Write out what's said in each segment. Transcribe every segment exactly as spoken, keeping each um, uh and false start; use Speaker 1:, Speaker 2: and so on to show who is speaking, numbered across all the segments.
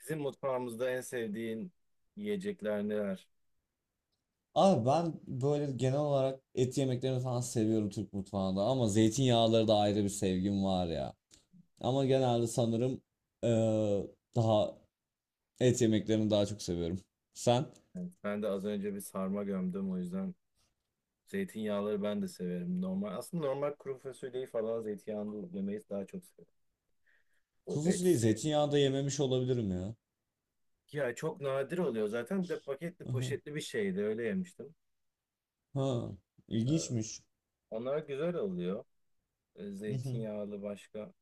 Speaker 1: Bizim mutfağımızda en sevdiğin yiyecekler neler?
Speaker 2: Abi ben böyle genel olarak et yemeklerini falan seviyorum Türk mutfağında ama zeytinyağları da ayrı bir sevgim var ya. Ama genelde sanırım eee, daha et yemeklerini daha çok seviyorum. Sen?
Speaker 1: Evet, ben de az önce bir sarma gömdüm o yüzden zeytinyağları ben de severim. Normal aslında normal kuru fasulyeyi falan zeytinyağlı yemeyi daha çok severim. O
Speaker 2: Kuru fasulyeyi
Speaker 1: etsi
Speaker 2: zeytinyağında yememiş olabilirim ya.
Speaker 1: Ya çok nadir oluyor zaten bir de paketli
Speaker 2: Aha.
Speaker 1: poşetli bir şeydi öyle yemiştim.
Speaker 2: Ha, ilginçmiş.
Speaker 1: Onlar güzel oluyor. E,
Speaker 2: Hı hı.
Speaker 1: Zeytinyağlı başka.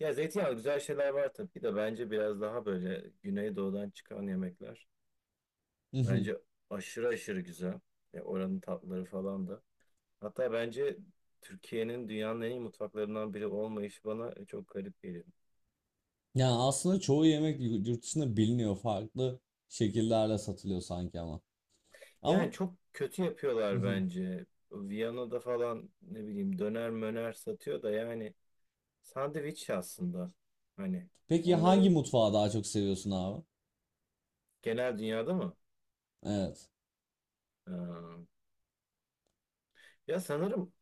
Speaker 1: Ya zeytinyağlı güzel şeyler var tabii de bence biraz daha böyle Güneydoğu'dan çıkan yemekler.
Speaker 2: Hı hı.
Speaker 1: Bence aşırı aşırı güzel. Ya oranın tatları falan da. Hatta bence Türkiye'nin dünyanın en iyi mutfaklarından biri olmayışı bana çok garip geliyor.
Speaker 2: Yani aslında çoğu yemek yu- yurt dışında biliniyor farklı şekillerle satılıyor sanki ama.
Speaker 1: Yani
Speaker 2: Ama
Speaker 1: çok kötü
Speaker 2: hı
Speaker 1: yapıyorlar
Speaker 2: hı.
Speaker 1: bence. Viyana'da falan ne bileyim döner möner satıyor da yani sandviç aslında. Hani
Speaker 2: Peki hangi
Speaker 1: onların
Speaker 2: mutfağı daha çok seviyorsun abi?
Speaker 1: genel dünyada mı?
Speaker 2: Evet.
Speaker 1: Ee, Ya sanırım,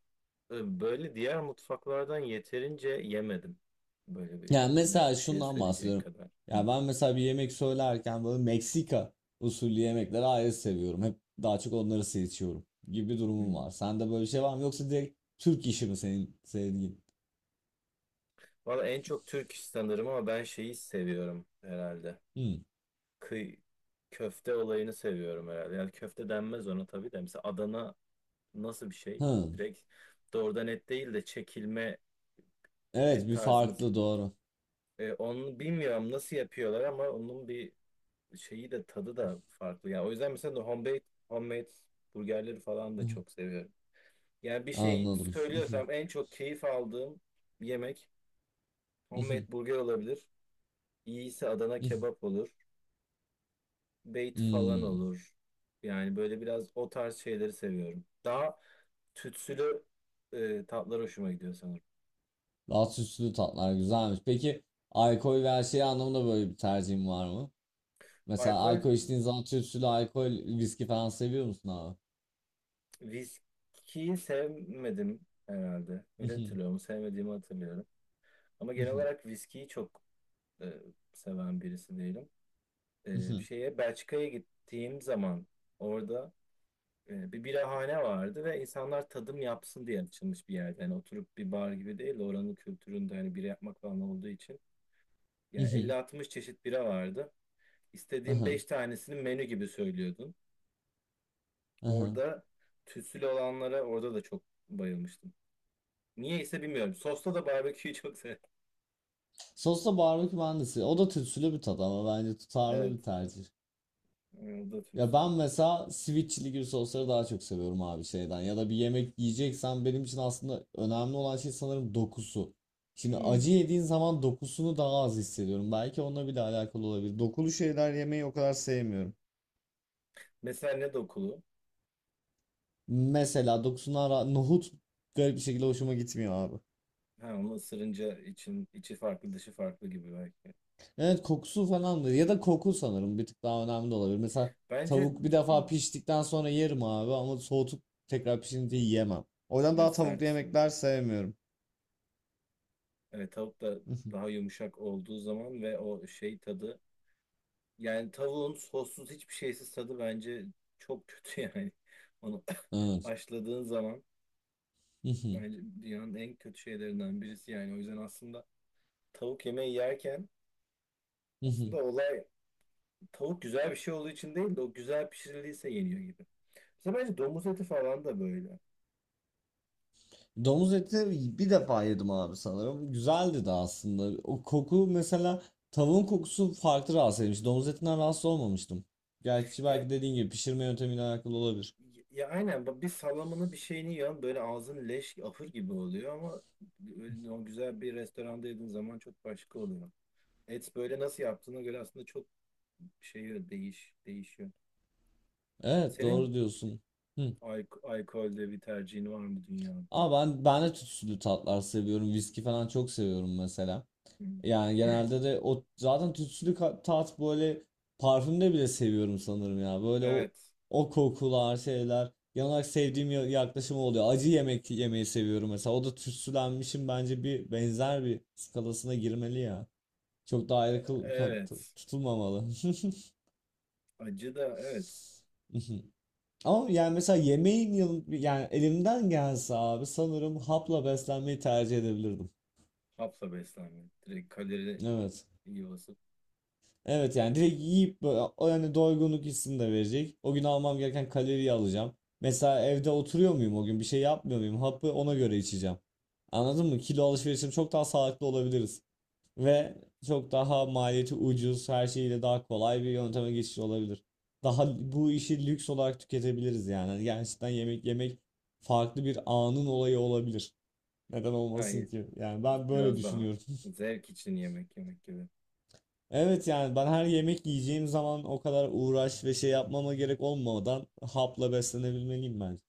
Speaker 1: e, böyle diğer mutfaklardan yeterince yemedim. Böyle bir
Speaker 2: Yani
Speaker 1: net
Speaker 2: mesela
Speaker 1: bir şey
Speaker 2: şundan
Speaker 1: söyleyecek
Speaker 2: bahsediyorum.
Speaker 1: kadar. Hı,
Speaker 2: Ya ben mesela bir yemek söylerken böyle Meksika usulü yemekleri ayrı seviyorum. Hep daha çok onları seçiyorum gibi bir
Speaker 1: hı.
Speaker 2: durumum var. Sende böyle bir şey var mı? Yoksa direkt Türk işi mi senin sevdiğin?
Speaker 1: Valla en çok Türk iş sanırım ama ben şeyi seviyorum herhalde.
Speaker 2: Hmm.
Speaker 1: kıy Köfte olayını seviyorum herhalde. Yani köfte denmez ona tabii de. Mesela Adana nasıl bir şey?
Speaker 2: Hı.
Speaker 1: Direkt doğrudan et değil de çekilme
Speaker 2: Evet
Speaker 1: et
Speaker 2: bir
Speaker 1: tarzınız.
Speaker 2: farklı doğru.
Speaker 1: E, onu bilmiyorum nasıl yapıyorlar ama onun bir şeyi de tadı da farklı. Yani o yüzden mesela no homemade, homemade burgerleri falan da çok seviyorum. Yani bir şey
Speaker 2: Anladım.
Speaker 1: söylüyorsam en çok keyif aldığım yemek homemade burger olabilir. İyiyse Adana kebap olur. Bait falan
Speaker 2: Hmm.
Speaker 1: olur. Yani böyle biraz o tarz şeyleri seviyorum. Daha tütsülü e, tatlar hoşuma gidiyor sanırım.
Speaker 2: Daha süslü tatlar güzelmiş. Peki alkol ve her şey anlamında böyle bir tercihin var mı? Mesela
Speaker 1: Alkol,
Speaker 2: alkol içtiğin zaman tütsülü alkol, viski falan seviyor musun abi?
Speaker 1: viskiyi sevmedim herhalde. Öyle hatırlıyorum. Sevmediğimi hatırlıyorum. Ama genel olarak viskiyi çok e, seven birisi değilim. E, şeye Belçika'ya gittiğim zaman orada e, bir birahane vardı ve insanlar tadım yapsın diye açılmış bir yerde. Yani oturup bir bar gibi değil de oranın kültüründe hani bira yapmak falan olduğu için.
Speaker 2: Hı
Speaker 1: Yani elli
Speaker 2: hı.
Speaker 1: altmış çeşit bira vardı. İstediğin
Speaker 2: Aha.
Speaker 1: beş tanesini menü gibi söylüyordun.
Speaker 2: Aha.
Speaker 1: Orada tütsülü olanlara orada da çok bayılmıştım. Niye ise bilmiyorum. Sosta da barbeküyü çok sev.
Speaker 2: Sosla barbekü mühendisi. O da tütsülü bir tat ama bence
Speaker 1: Evet.
Speaker 2: tutarlı bir tercih.
Speaker 1: O da
Speaker 2: Ya
Speaker 1: tütsü.
Speaker 2: ben mesela sweet chili gibi sosları daha çok seviyorum abi şeyden. Ya da bir yemek yiyeceksen benim için aslında önemli olan şey sanırım dokusu. Şimdi
Speaker 1: Hmm.
Speaker 2: acı yediğin zaman dokusunu daha az hissediyorum. Belki onunla bile alakalı olabilir. Dokulu şeyler yemeyi o kadar sevmiyorum.
Speaker 1: Mesela ne dokulu?
Speaker 2: Mesela dokusundan ra- nohut garip bir şekilde hoşuma gitmiyor abi.
Speaker 1: Ha, onu ısırınca için, içi farklı dışı farklı gibi belki.
Speaker 2: Evet kokusu falan da ya da koku sanırım bir tık daha önemli de olabilir. Mesela
Speaker 1: Bence,
Speaker 2: tavuk bir
Speaker 1: hmm,
Speaker 2: defa piştikten sonra yerim abi ama soğutup tekrar pişince yiyemem. O yüzden
Speaker 1: ve
Speaker 2: daha tavuklu
Speaker 1: sert olur.
Speaker 2: yemekler sevmiyorum.
Speaker 1: Evet tavuk da daha yumuşak olduğu zaman ve o şey tadı. Yani tavuğun sossuz hiçbir şeysiz tadı bence çok kötü yani. Onu
Speaker 2: Evet.
Speaker 1: haşladığın zaman bence dünyanın en kötü şeylerinden birisi yani. O yüzden aslında tavuk yemeği yerken aslında olay tavuk güzel bir şey olduğu için değil de o güzel pişirildiyse yeniyor gibi. Mesela bence domuz eti falan da böyle.
Speaker 2: Domuz eti bir defa yedim abi sanırım. Güzeldi de aslında. O koku mesela tavuğun kokusu farklı rahatsız etmiş. Domuz etinden rahatsız olmamıştım. Gerçi
Speaker 1: Ya,
Speaker 2: belki dediğin gibi pişirme yöntemiyle alakalı olabilir.
Speaker 1: ya aynen bak bir salamını bir şeyini yiyorsun böyle ağzın leş ahır gibi oluyor ama öyle o güzel bir restoranda yediğin zaman çok başka oluyor. Et böyle nasıl yaptığına göre aslında çok şey değiş değişiyor.
Speaker 2: Evet
Speaker 1: Senin
Speaker 2: doğru diyorsun.
Speaker 1: alk- alkolde bir tercihin var mı dünyada?
Speaker 2: Ama ben ben de tütsülü tatlar seviyorum. Viski falan çok seviyorum mesela.
Speaker 1: Hı.
Speaker 2: Yani genelde de o zaten tütsülü ka- tat böyle parfümde bile seviyorum sanırım ya. Böyle o
Speaker 1: Evet.
Speaker 2: o kokular şeyler. Genel olarak sevdiğim ya- yaklaşım oluyor. Acı yemek yemeyi seviyorum mesela. O da tütsülenmişin bence bir benzer bir skalasına girmeli ya. Çok daha ayrı kıl- ka-
Speaker 1: Evet.
Speaker 2: tutulmamalı.
Speaker 1: Acı da evet.
Speaker 2: Ama yani mesela yemeğin yanı- yani elimden gelse abi sanırım hapla beslenmeyi tercih edebilirdim.
Speaker 1: Hapla beslenme. Direkt kalori
Speaker 2: Evet.
Speaker 1: iyi basıp.
Speaker 2: Evet yani direkt yiyip böyle o yani doygunluk hissini de verecek. O gün almam gereken kaloriyi alacağım. Mesela evde oturuyor muyum o gün bir şey yapmıyor muyum? Hapı ona göre içeceğim. Anladın mı? Kilo alışverişim çok daha sağlıklı olabiliriz. Ve çok daha maliyeti ucuz, her şeyiyle daha kolay bir yönteme geçiş olabilir. Daha bu işi lüks olarak tüketebiliriz yani. Hani gerçekten yemek yemek farklı bir anın olayı olabilir. Neden olmasın
Speaker 1: Hayır.
Speaker 2: ki? Yani ben böyle
Speaker 1: Biraz daha
Speaker 2: düşünüyorum.
Speaker 1: zevk için yemek yemek gibi.
Speaker 2: Evet yani ben her yemek yiyeceğim zaman o kadar uğraş ve şey yapmama gerek olmadan hapla beslenebilmeliyim bence.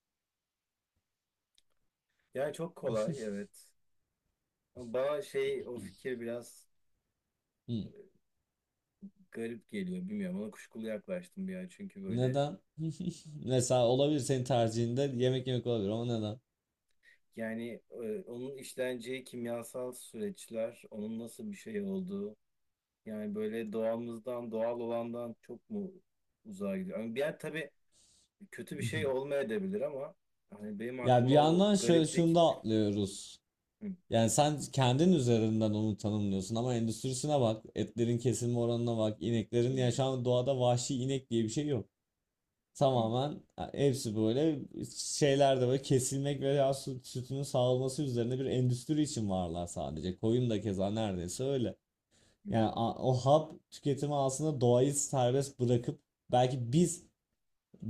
Speaker 1: Yani çok kolay evet. Ama bana şey o fikir biraz
Speaker 2: Hı.
Speaker 1: garip geliyor. Bilmiyorum, ona kuşkulu yaklaştım bir an. Çünkü böyle
Speaker 2: Neden? Mesela olabilir senin tercihinde yemek yemek olabilir ama neden?
Speaker 1: yani, e, onun işleneceği kimyasal süreçler, onun nasıl bir şey olduğu. Yani böyle doğamızdan, doğal olandan çok mu uzağa gidiyor? Yani bir yer tabii kötü bir şey olmayabilir ama hani benim
Speaker 2: Ya bir
Speaker 1: aklıma o
Speaker 2: yandan şö- şunu
Speaker 1: gariplik.
Speaker 2: da atlıyoruz.
Speaker 1: Hı,
Speaker 2: Yani sen kendin üzerinden onu tanımlıyorsun ama endüstrisine bak, etlerin kesilme oranına bak,
Speaker 1: hı,
Speaker 2: ineklerin ya şu an doğada vahşi inek diye bir şey yok.
Speaker 1: hı,
Speaker 2: Tamamen hepsi böyle şeyler de böyle kesilmek veya süt, sütünün sağlanması üzerine bir endüstri için varlar sadece. Koyun da keza neredeyse öyle.
Speaker 1: hı,
Speaker 2: Yani a- o hap tüketimi aslında doğayı serbest bırakıp belki biz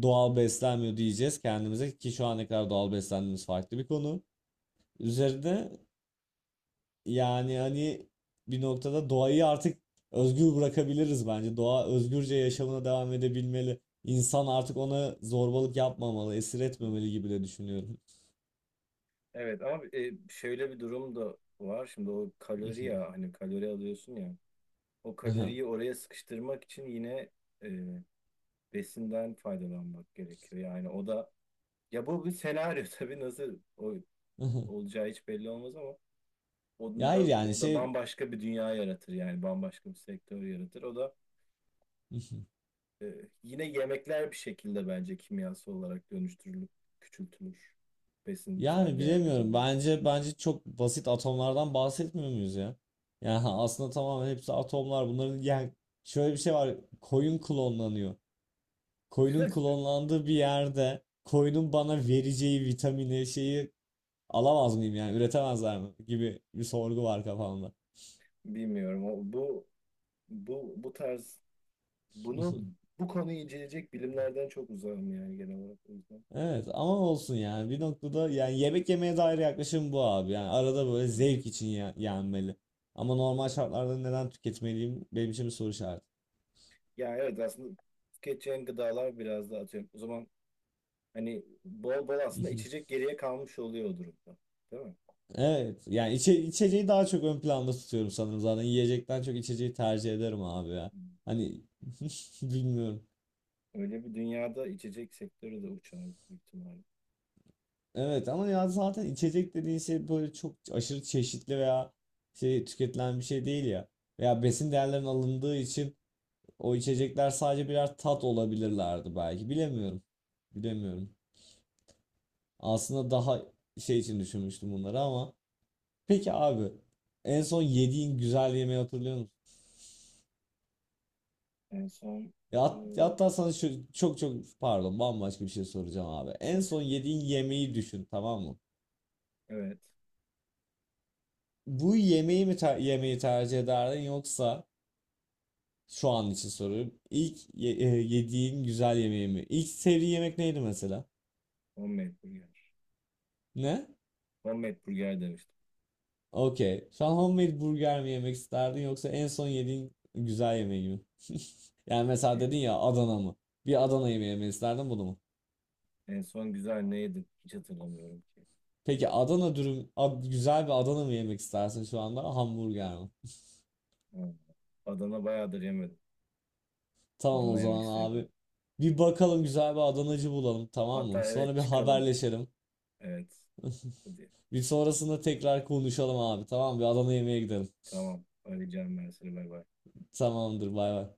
Speaker 2: doğal beslenmiyor diyeceğiz kendimize ki şu ana kadar doğal beslendiğimiz farklı bir konu. Üzerinde yani hani bir noktada doğayı artık özgür bırakabiliriz bence. Doğa özgürce yaşamına devam edebilmeli. İnsan artık ona zorbalık yapmamalı, esir
Speaker 1: hı.
Speaker 2: etmemeli gibi de düşünüyorum.
Speaker 1: Evet ama, e, şöyle bir durum da var. Şimdi o kalori ya hani kalori alıyorsun ya. O
Speaker 2: Aha,
Speaker 1: kaloriyi oraya sıkıştırmak için yine, e, besinden faydalanmak gerekiyor. Yani o da, ya bu bir senaryo tabii nasıl o,
Speaker 2: aha.
Speaker 1: olacağı hiç belli olmaz ama
Speaker 2: Ya
Speaker 1: onun da,
Speaker 2: hayır yani
Speaker 1: o da
Speaker 2: şey
Speaker 1: bambaşka bir dünya yaratır yani bambaşka bir sektör yaratır. O da, e, yine yemekler bir şekilde bence kimyasal olarak dönüştürülüp küçültülür besinsel
Speaker 2: yani
Speaker 1: değerleri.
Speaker 2: bilemiyorum.
Speaker 1: Ama.
Speaker 2: Bence bence çok basit atomlardan bahsetmiyor muyuz ya? Yani aslında tamamen hepsi atomlar. Bunların yani şöyle bir şey var. Koyun klonlanıyor. Koyunun klonlandığı bir yerde koyunun bana vereceği vitamini şeyi alamaz mıyım yani üretemezler mi gibi bir sorgu var kafamda.
Speaker 1: Bilmiyorum. O, bu bu bu tarz bunu Bu konuyu inceleyecek bilimlerden çok uzağım yani genel olarak o yüzden.
Speaker 2: Evet ama olsun yani bir noktada yani yemek yemeye dair yaklaşım bu abi yani arada böyle zevk için ya- yenmeli. Ama normal şartlarda neden tüketmeliyim benim için bir soru işareti.
Speaker 1: Ya evet aslında tüketeceğin gıdalar biraz daha atıyorum. O zaman hani bol bol aslında içecek geriye kalmış oluyor o durumda. Değil mi?
Speaker 2: Evet yani içe, içeceği daha çok ön planda tutuyorum sanırım zaten yiyecekten çok içeceği tercih ederim abi ya. Hani bilmiyorum.
Speaker 1: Öyle bir dünyada içecek sektörü de uçardı büyük ihtimalle.
Speaker 2: Evet ama ya zaten içecek dediğin şey böyle çok aşırı çeşitli veya şey tüketilen bir şey değil ya. Veya besin değerlerinin alındığı için o içecekler sadece birer tat olabilirlerdi belki. Bilemiyorum. Bilemiyorum. Aslında daha şey için düşünmüştüm bunları ama. Peki abi en son yediğin güzel yemeği hatırlıyor musun?
Speaker 1: En son
Speaker 2: Ya hat- ya
Speaker 1: e,
Speaker 2: hatta sana şu çok çok pardon bambaşka bir şey soracağım abi. En
Speaker 1: son.
Speaker 2: son yediğin yemeği düşün tamam mı?
Speaker 1: Evet.
Speaker 2: Bu yemeği mi ter- yemeği tercih ederdin yoksa şu an için soruyorum. İlk ye- e, yediğin güzel yemeği mi? İlk sevdiğin yemek neydi mesela?
Speaker 1: Homemade burger.
Speaker 2: Ne?
Speaker 1: Homemade burger demiştim.
Speaker 2: Okey. Şu an homemade burger mi yemek isterdin yoksa en son yediğin güzel yemeği mi? Yani
Speaker 1: E,
Speaker 2: mesela dedin ya Adana mı? Bir Adana yemeği yemek isterdin bunu mu?
Speaker 1: en son güzel ne yedim? Hiç hatırlamıyorum ki.
Speaker 2: Peki Adana dürüm, ad- güzel bir Adana mı yemek istersin şu anda? Hamburger mi?
Speaker 1: Ha. Adana bayağıdır yemedim.
Speaker 2: Tamam o
Speaker 1: Adana yemek
Speaker 2: zaman abi.
Speaker 1: isteyebilirim.
Speaker 2: Bir bakalım güzel bir Adanacı bulalım tamam
Speaker 1: Hatta
Speaker 2: mı? Sonra
Speaker 1: evet
Speaker 2: bir
Speaker 1: çıkalım.
Speaker 2: haberleşelim.
Speaker 1: Evet. Hadi.
Speaker 2: Bir sonrasında tekrar konuşalım abi tamam mı? Bir Adana yemeğe gidelim.
Speaker 1: Tamam. Arayacağım ben seni. Bay bay.
Speaker 2: Tamamdır bay bay.